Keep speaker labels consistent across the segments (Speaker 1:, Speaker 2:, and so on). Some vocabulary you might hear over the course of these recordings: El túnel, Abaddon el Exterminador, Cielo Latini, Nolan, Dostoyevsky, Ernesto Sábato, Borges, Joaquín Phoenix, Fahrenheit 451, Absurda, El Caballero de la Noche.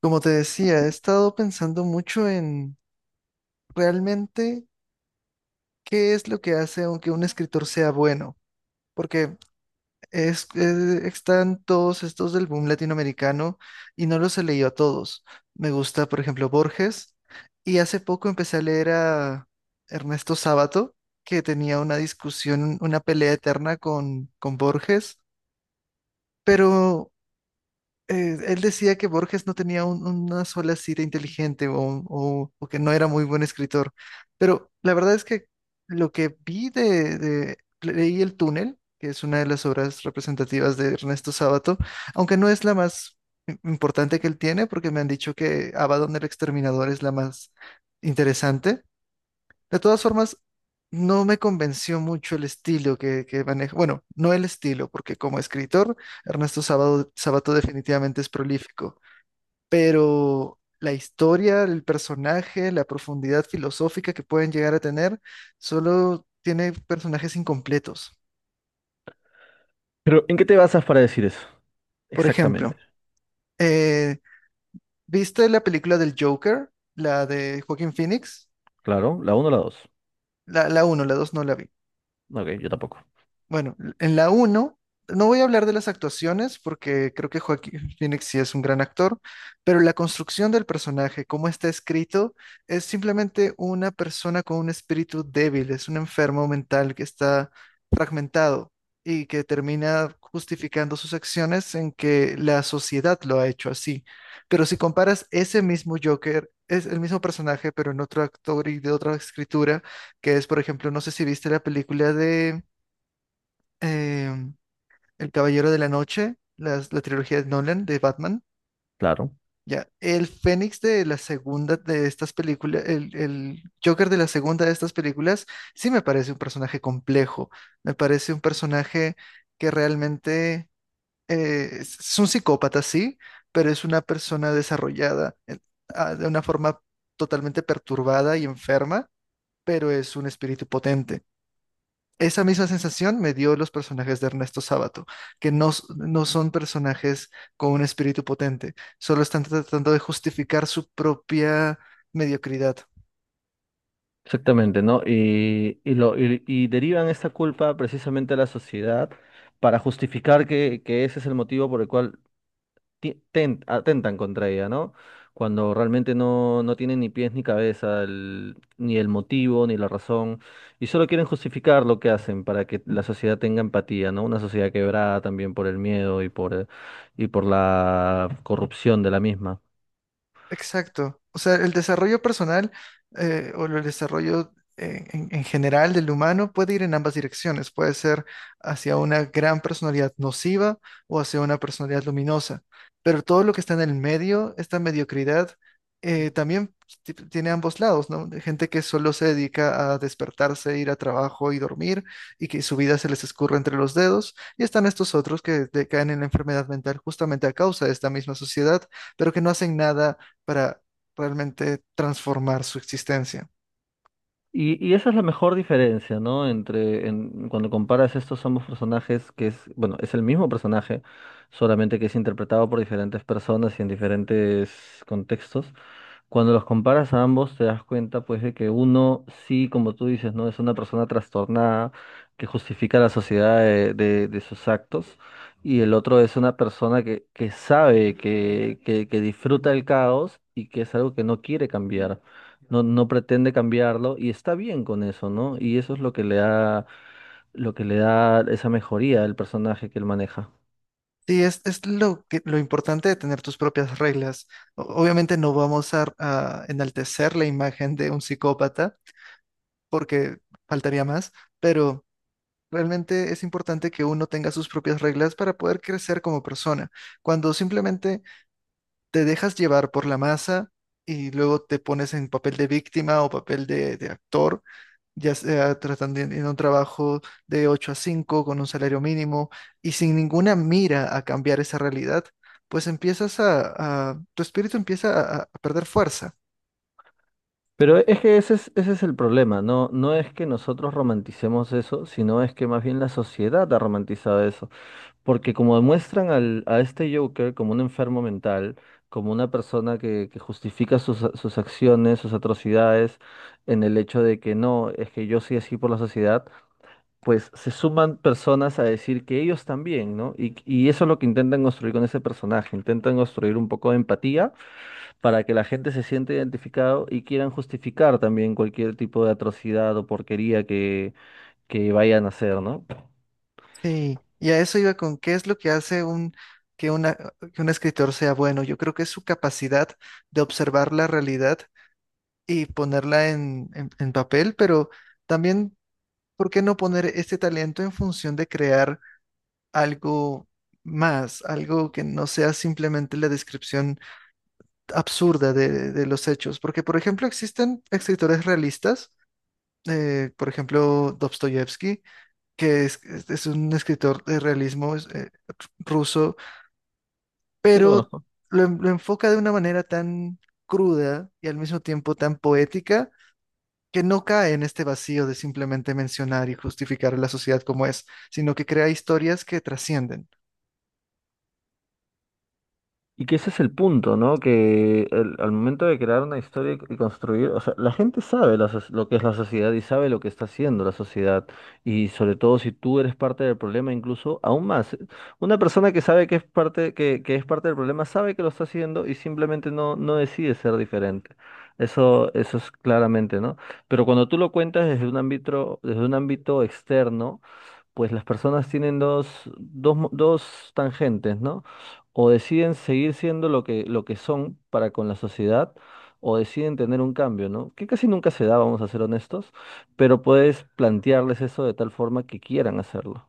Speaker 1: Como te decía, he estado pensando mucho en realmente qué es lo que hace aunque un escritor sea bueno, porque es, están todos estos del boom latinoamericano y no los he leído a todos. Me gusta, por ejemplo, Borges, y hace poco empecé a leer a Ernesto Sábato, que tenía una discusión, una pelea eterna con Borges, pero él decía que Borges no tenía una sola cita inteligente o que no era muy buen escritor, pero la verdad es que lo que vi leí El túnel, que es una de las obras representativas de Ernesto Sábato, aunque no es la más importante que él tiene, porque me han dicho que Abaddon el Exterminador es la más interesante. De todas formas, no me convenció mucho el estilo que maneja. Bueno, no el estilo, porque como escritor, Ernesto Sabato definitivamente es prolífico, pero la historia, el personaje, la profundidad filosófica que pueden llegar a tener, solo tiene personajes incompletos.
Speaker 2: Pero, ¿en qué te basas para decir eso?
Speaker 1: Por
Speaker 2: Exactamente.
Speaker 1: ejemplo, eh, ¿viste la película del Joker? La de Joaquín Phoenix.
Speaker 2: Claro, la uno, o la 2.
Speaker 1: La una, la 2 no la vi.
Speaker 2: Ok, yo tampoco.
Speaker 1: Bueno, en la uno no voy a hablar de las actuaciones porque creo que Joaquín Phoenix sí es un gran actor, pero la construcción del personaje, cómo está escrito, es simplemente una persona con un espíritu débil, es un enfermo mental que está fragmentado y que termina justificando sus acciones en que la sociedad lo ha hecho así. Pero si comparas ese mismo Joker, es el mismo personaje, pero en otro actor y de otra escritura, que es, por ejemplo, no sé si viste la película de em, El Caballero de la Noche, la trilogía de Nolan de Batman,
Speaker 2: Claro.
Speaker 1: ya, el Fénix de la segunda de estas películas, el Joker de la segunda de estas películas, sí me parece un personaje complejo, me parece un personaje que realmente es un psicópata, sí, pero es una persona desarrollada de una forma totalmente perturbada y enferma, pero es un espíritu potente. Esa misma sensación me dio los personajes de Ernesto Sábato, que no, no son personajes con un espíritu potente, solo están tratando de justificar su propia mediocridad.
Speaker 2: Exactamente, ¿no? Y derivan esta culpa precisamente a la sociedad para justificar que ese es el motivo por el cual atentan contra ella, ¿no? Cuando realmente no, no tienen ni pies ni cabeza, ni el motivo, ni la razón, y solo quieren justificar lo que hacen para que la sociedad tenga empatía, ¿no? Una sociedad quebrada también por el miedo y y por la corrupción de la misma.
Speaker 1: Exacto. O sea, el desarrollo personal o el desarrollo en general del humano puede ir en ambas direcciones. Puede ser hacia una gran personalidad nociva o hacia una personalidad luminosa. Pero todo lo que está en el medio, esta mediocridad, también tiene ambos lados, ¿no? De gente que solo se dedica a despertarse, ir a trabajo y dormir y que su vida se les escurre entre los dedos. Y están estos otros que decaen en la enfermedad mental justamente a causa de esta misma sociedad, pero que no hacen nada para realmente transformar su existencia.
Speaker 2: Y esa es la mejor diferencia, ¿no? Entre cuando comparas estos ambos personajes, que es, bueno, es el mismo personaje, solamente que es interpretado por diferentes personas y en diferentes contextos. Cuando los comparas a ambos, te das cuenta, pues, de que uno sí, como tú dices, ¿no? Es una persona trastornada que justifica la sociedad de, de sus actos. Y el otro es una persona que sabe, que disfruta el caos y que es algo que no quiere cambiar. No, no pretende cambiarlo y está bien con eso, ¿no? Y eso es lo que le da esa mejoría al personaje que él maneja.
Speaker 1: Sí, es lo que, lo importante de tener tus propias reglas. Obviamente no vamos a enaltecer la imagen de un psicópata porque faltaría más, pero realmente es importante que uno tenga sus propias reglas para poder crecer como persona. Cuando simplemente te dejas llevar por la masa y luego te pones en papel de víctima o papel de actor, ya sea tratando en un trabajo de 8 a 5 con un salario mínimo y sin ninguna mira a cambiar esa realidad, pues empiezas tu espíritu empieza a perder fuerza.
Speaker 2: Pero es que ese es el problema, no, no es que nosotros romanticemos eso, sino es que más bien la sociedad ha romantizado eso, porque como demuestran a este Joker como un enfermo mental, como una persona que justifica sus acciones, sus atrocidades, en el hecho de que no, es que yo soy así por la sociedad, pues se suman personas a decir que ellos también, ¿no? Y eso es lo que intentan construir con ese personaje, intentan construir un poco de empatía para que la gente se sienta identificado y quieran justificar también cualquier tipo de atrocidad o porquería que vayan a hacer, ¿no?
Speaker 1: Sí, y a eso iba con qué es lo que hace que una, que un escritor sea bueno. Yo creo que es su capacidad de observar la realidad y ponerla en en papel, pero también, ¿por qué no poner este talento en función de crear? Algo más, algo que no sea simplemente la descripción absurda de los hechos. Porque, por ejemplo, existen escritores realistas, por ejemplo, Dostoyevsky, que es un escritor de realismo ruso,
Speaker 2: Sí, lo
Speaker 1: pero
Speaker 2: conozco.
Speaker 1: lo enfoca de una manera tan cruda y al mismo tiempo tan poética, que no cae en este vacío de simplemente mencionar y justificar a la sociedad como es, sino que crea historias que trascienden.
Speaker 2: Y que ese es el punto, ¿no? Que al momento de crear una historia y construir, o sea, la gente sabe lo que es la sociedad y sabe lo que está haciendo la sociedad. Y sobre todo si tú eres parte del problema, incluso aún más. Una persona que sabe que es parte, que es parte del problema sabe que lo está haciendo y simplemente no, no decide ser diferente. Eso es claramente, ¿no? Pero cuando tú lo cuentas desde un ámbito externo, pues las personas tienen dos tangentes, ¿no? O deciden seguir siendo lo que son para con la sociedad, o deciden tener un cambio, ¿no? Que casi nunca se da, vamos a ser honestos, pero puedes plantearles eso de tal forma que quieran hacerlo.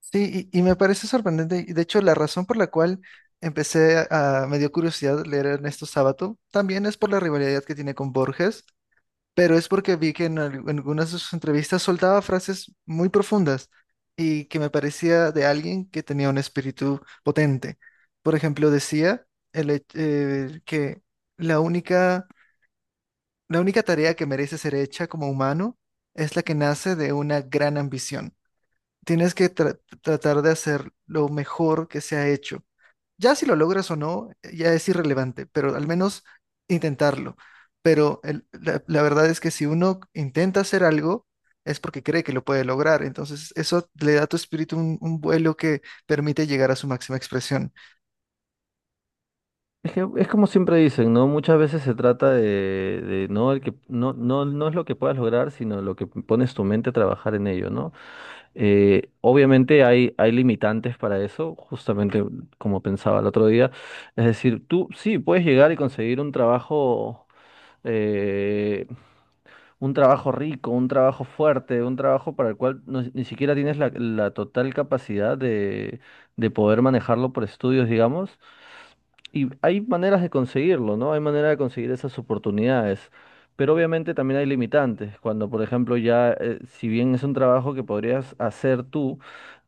Speaker 1: Sí, y me parece sorprendente. Y de hecho, la razón por la cual me dio curiosidad leer a Ernesto Sábato también es por la rivalidad que tiene con Borges, pero es porque vi que en algunas de sus entrevistas soltaba frases muy profundas y que me parecía de alguien que tenía un espíritu potente. Por ejemplo, decía que la única, la única tarea que merece ser hecha como humano es la que nace de una gran ambición. Tienes que tratar de hacer lo mejor que se ha hecho. Ya si lo logras o no, ya es irrelevante, pero al menos intentarlo. Pero la verdad es que si uno intenta hacer algo, es porque cree que lo puede lograr. Entonces eso le da a tu espíritu un vuelo que permite llegar a su máxima expresión.
Speaker 2: Es que es como siempre dicen, ¿no? Muchas veces se trata de no el que no es lo que puedas lograr, sino lo que pones tu mente a trabajar en ello, ¿no? Obviamente hay limitantes para eso, justamente como pensaba el otro día. Es decir, tú sí puedes llegar y conseguir eh, un trabajo rico, un trabajo fuerte, un trabajo para el cual ni siquiera tienes la total capacidad de poder manejarlo por estudios, digamos. Y hay maneras de conseguirlo, ¿no? Hay manera de conseguir esas oportunidades, pero obviamente también hay limitantes. Cuando, por ejemplo, ya, si bien es un trabajo que podrías hacer tú,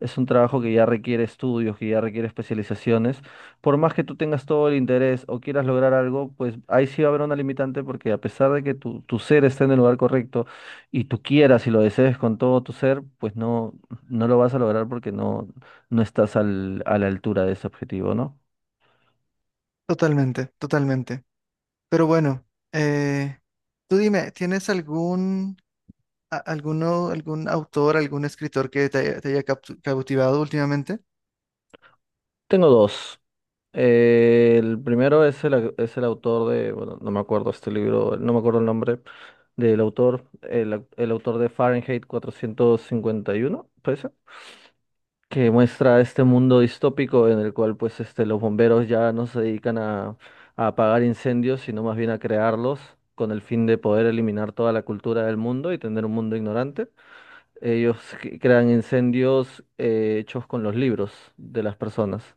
Speaker 2: es un trabajo que ya requiere estudios, que ya requiere especializaciones, por más que tú tengas todo el interés o quieras lograr algo, pues ahí sí va a haber una limitante porque a pesar de que tu ser esté en el lugar correcto y tú quieras y lo desees con todo tu ser, pues no, no lo vas a lograr porque no, no estás a la altura de ese objetivo, ¿no?
Speaker 1: Totalmente, totalmente. Pero bueno, eh, tú dime, ¿tienes algún autor, algún escritor que te haya cautivado últimamente?
Speaker 2: Tengo dos. El primero es el autor de, bueno, no me acuerdo este libro, no me acuerdo el nombre del autor, el autor de Fahrenheit cuatrocientos cincuenta y uno parece, que muestra este mundo distópico en el cual pues este, los bomberos ya no se dedican a apagar incendios, sino más bien a crearlos con el fin de poder eliminar toda la cultura del mundo y tener un mundo ignorante. Ellos crean incendios hechos con los libros de las personas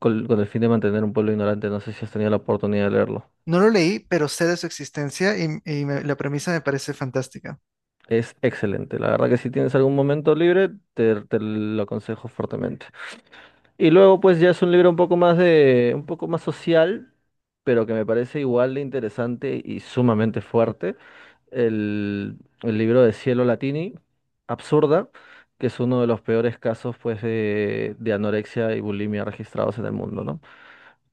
Speaker 2: con el fin de mantener un pueblo ignorante. No sé si has tenido la oportunidad de leerlo.
Speaker 1: No lo leí, pero sé de su existencia y la premisa me parece fantástica.
Speaker 2: Es excelente. La verdad que si tienes algún momento libre, te lo aconsejo fuertemente. Y luego, pues ya es un libro un poco más social, pero que me parece igual de interesante y sumamente fuerte. El libro de Cielo Latini, Absurda, que es uno de los peores casos, pues, de anorexia y bulimia registrados en el mundo, ¿no?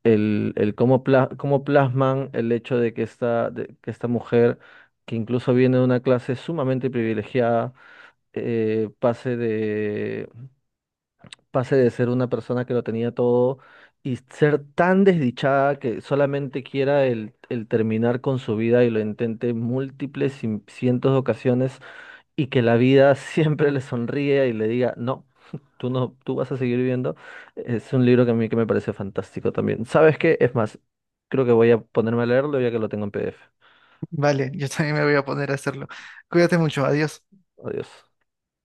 Speaker 2: El cómo plasman el hecho de que esta mujer, que incluso viene de una clase sumamente privilegiada, eh, pase de, pase de ser una persona que lo tenía todo y ser tan desdichada que solamente quiera el terminar con su vida y lo intente en múltiples cientos de ocasiones y que la vida siempre le sonríe y le diga, no, tú no, tú vas a seguir viviendo, es un libro que a mí que me parece fantástico también. ¿Sabes qué? Es más, creo que voy a ponerme a leerlo ya que lo tengo en PDF.
Speaker 1: Vale, yo también me voy a poner a hacerlo. Cuídate mucho, adiós.
Speaker 2: Adiós.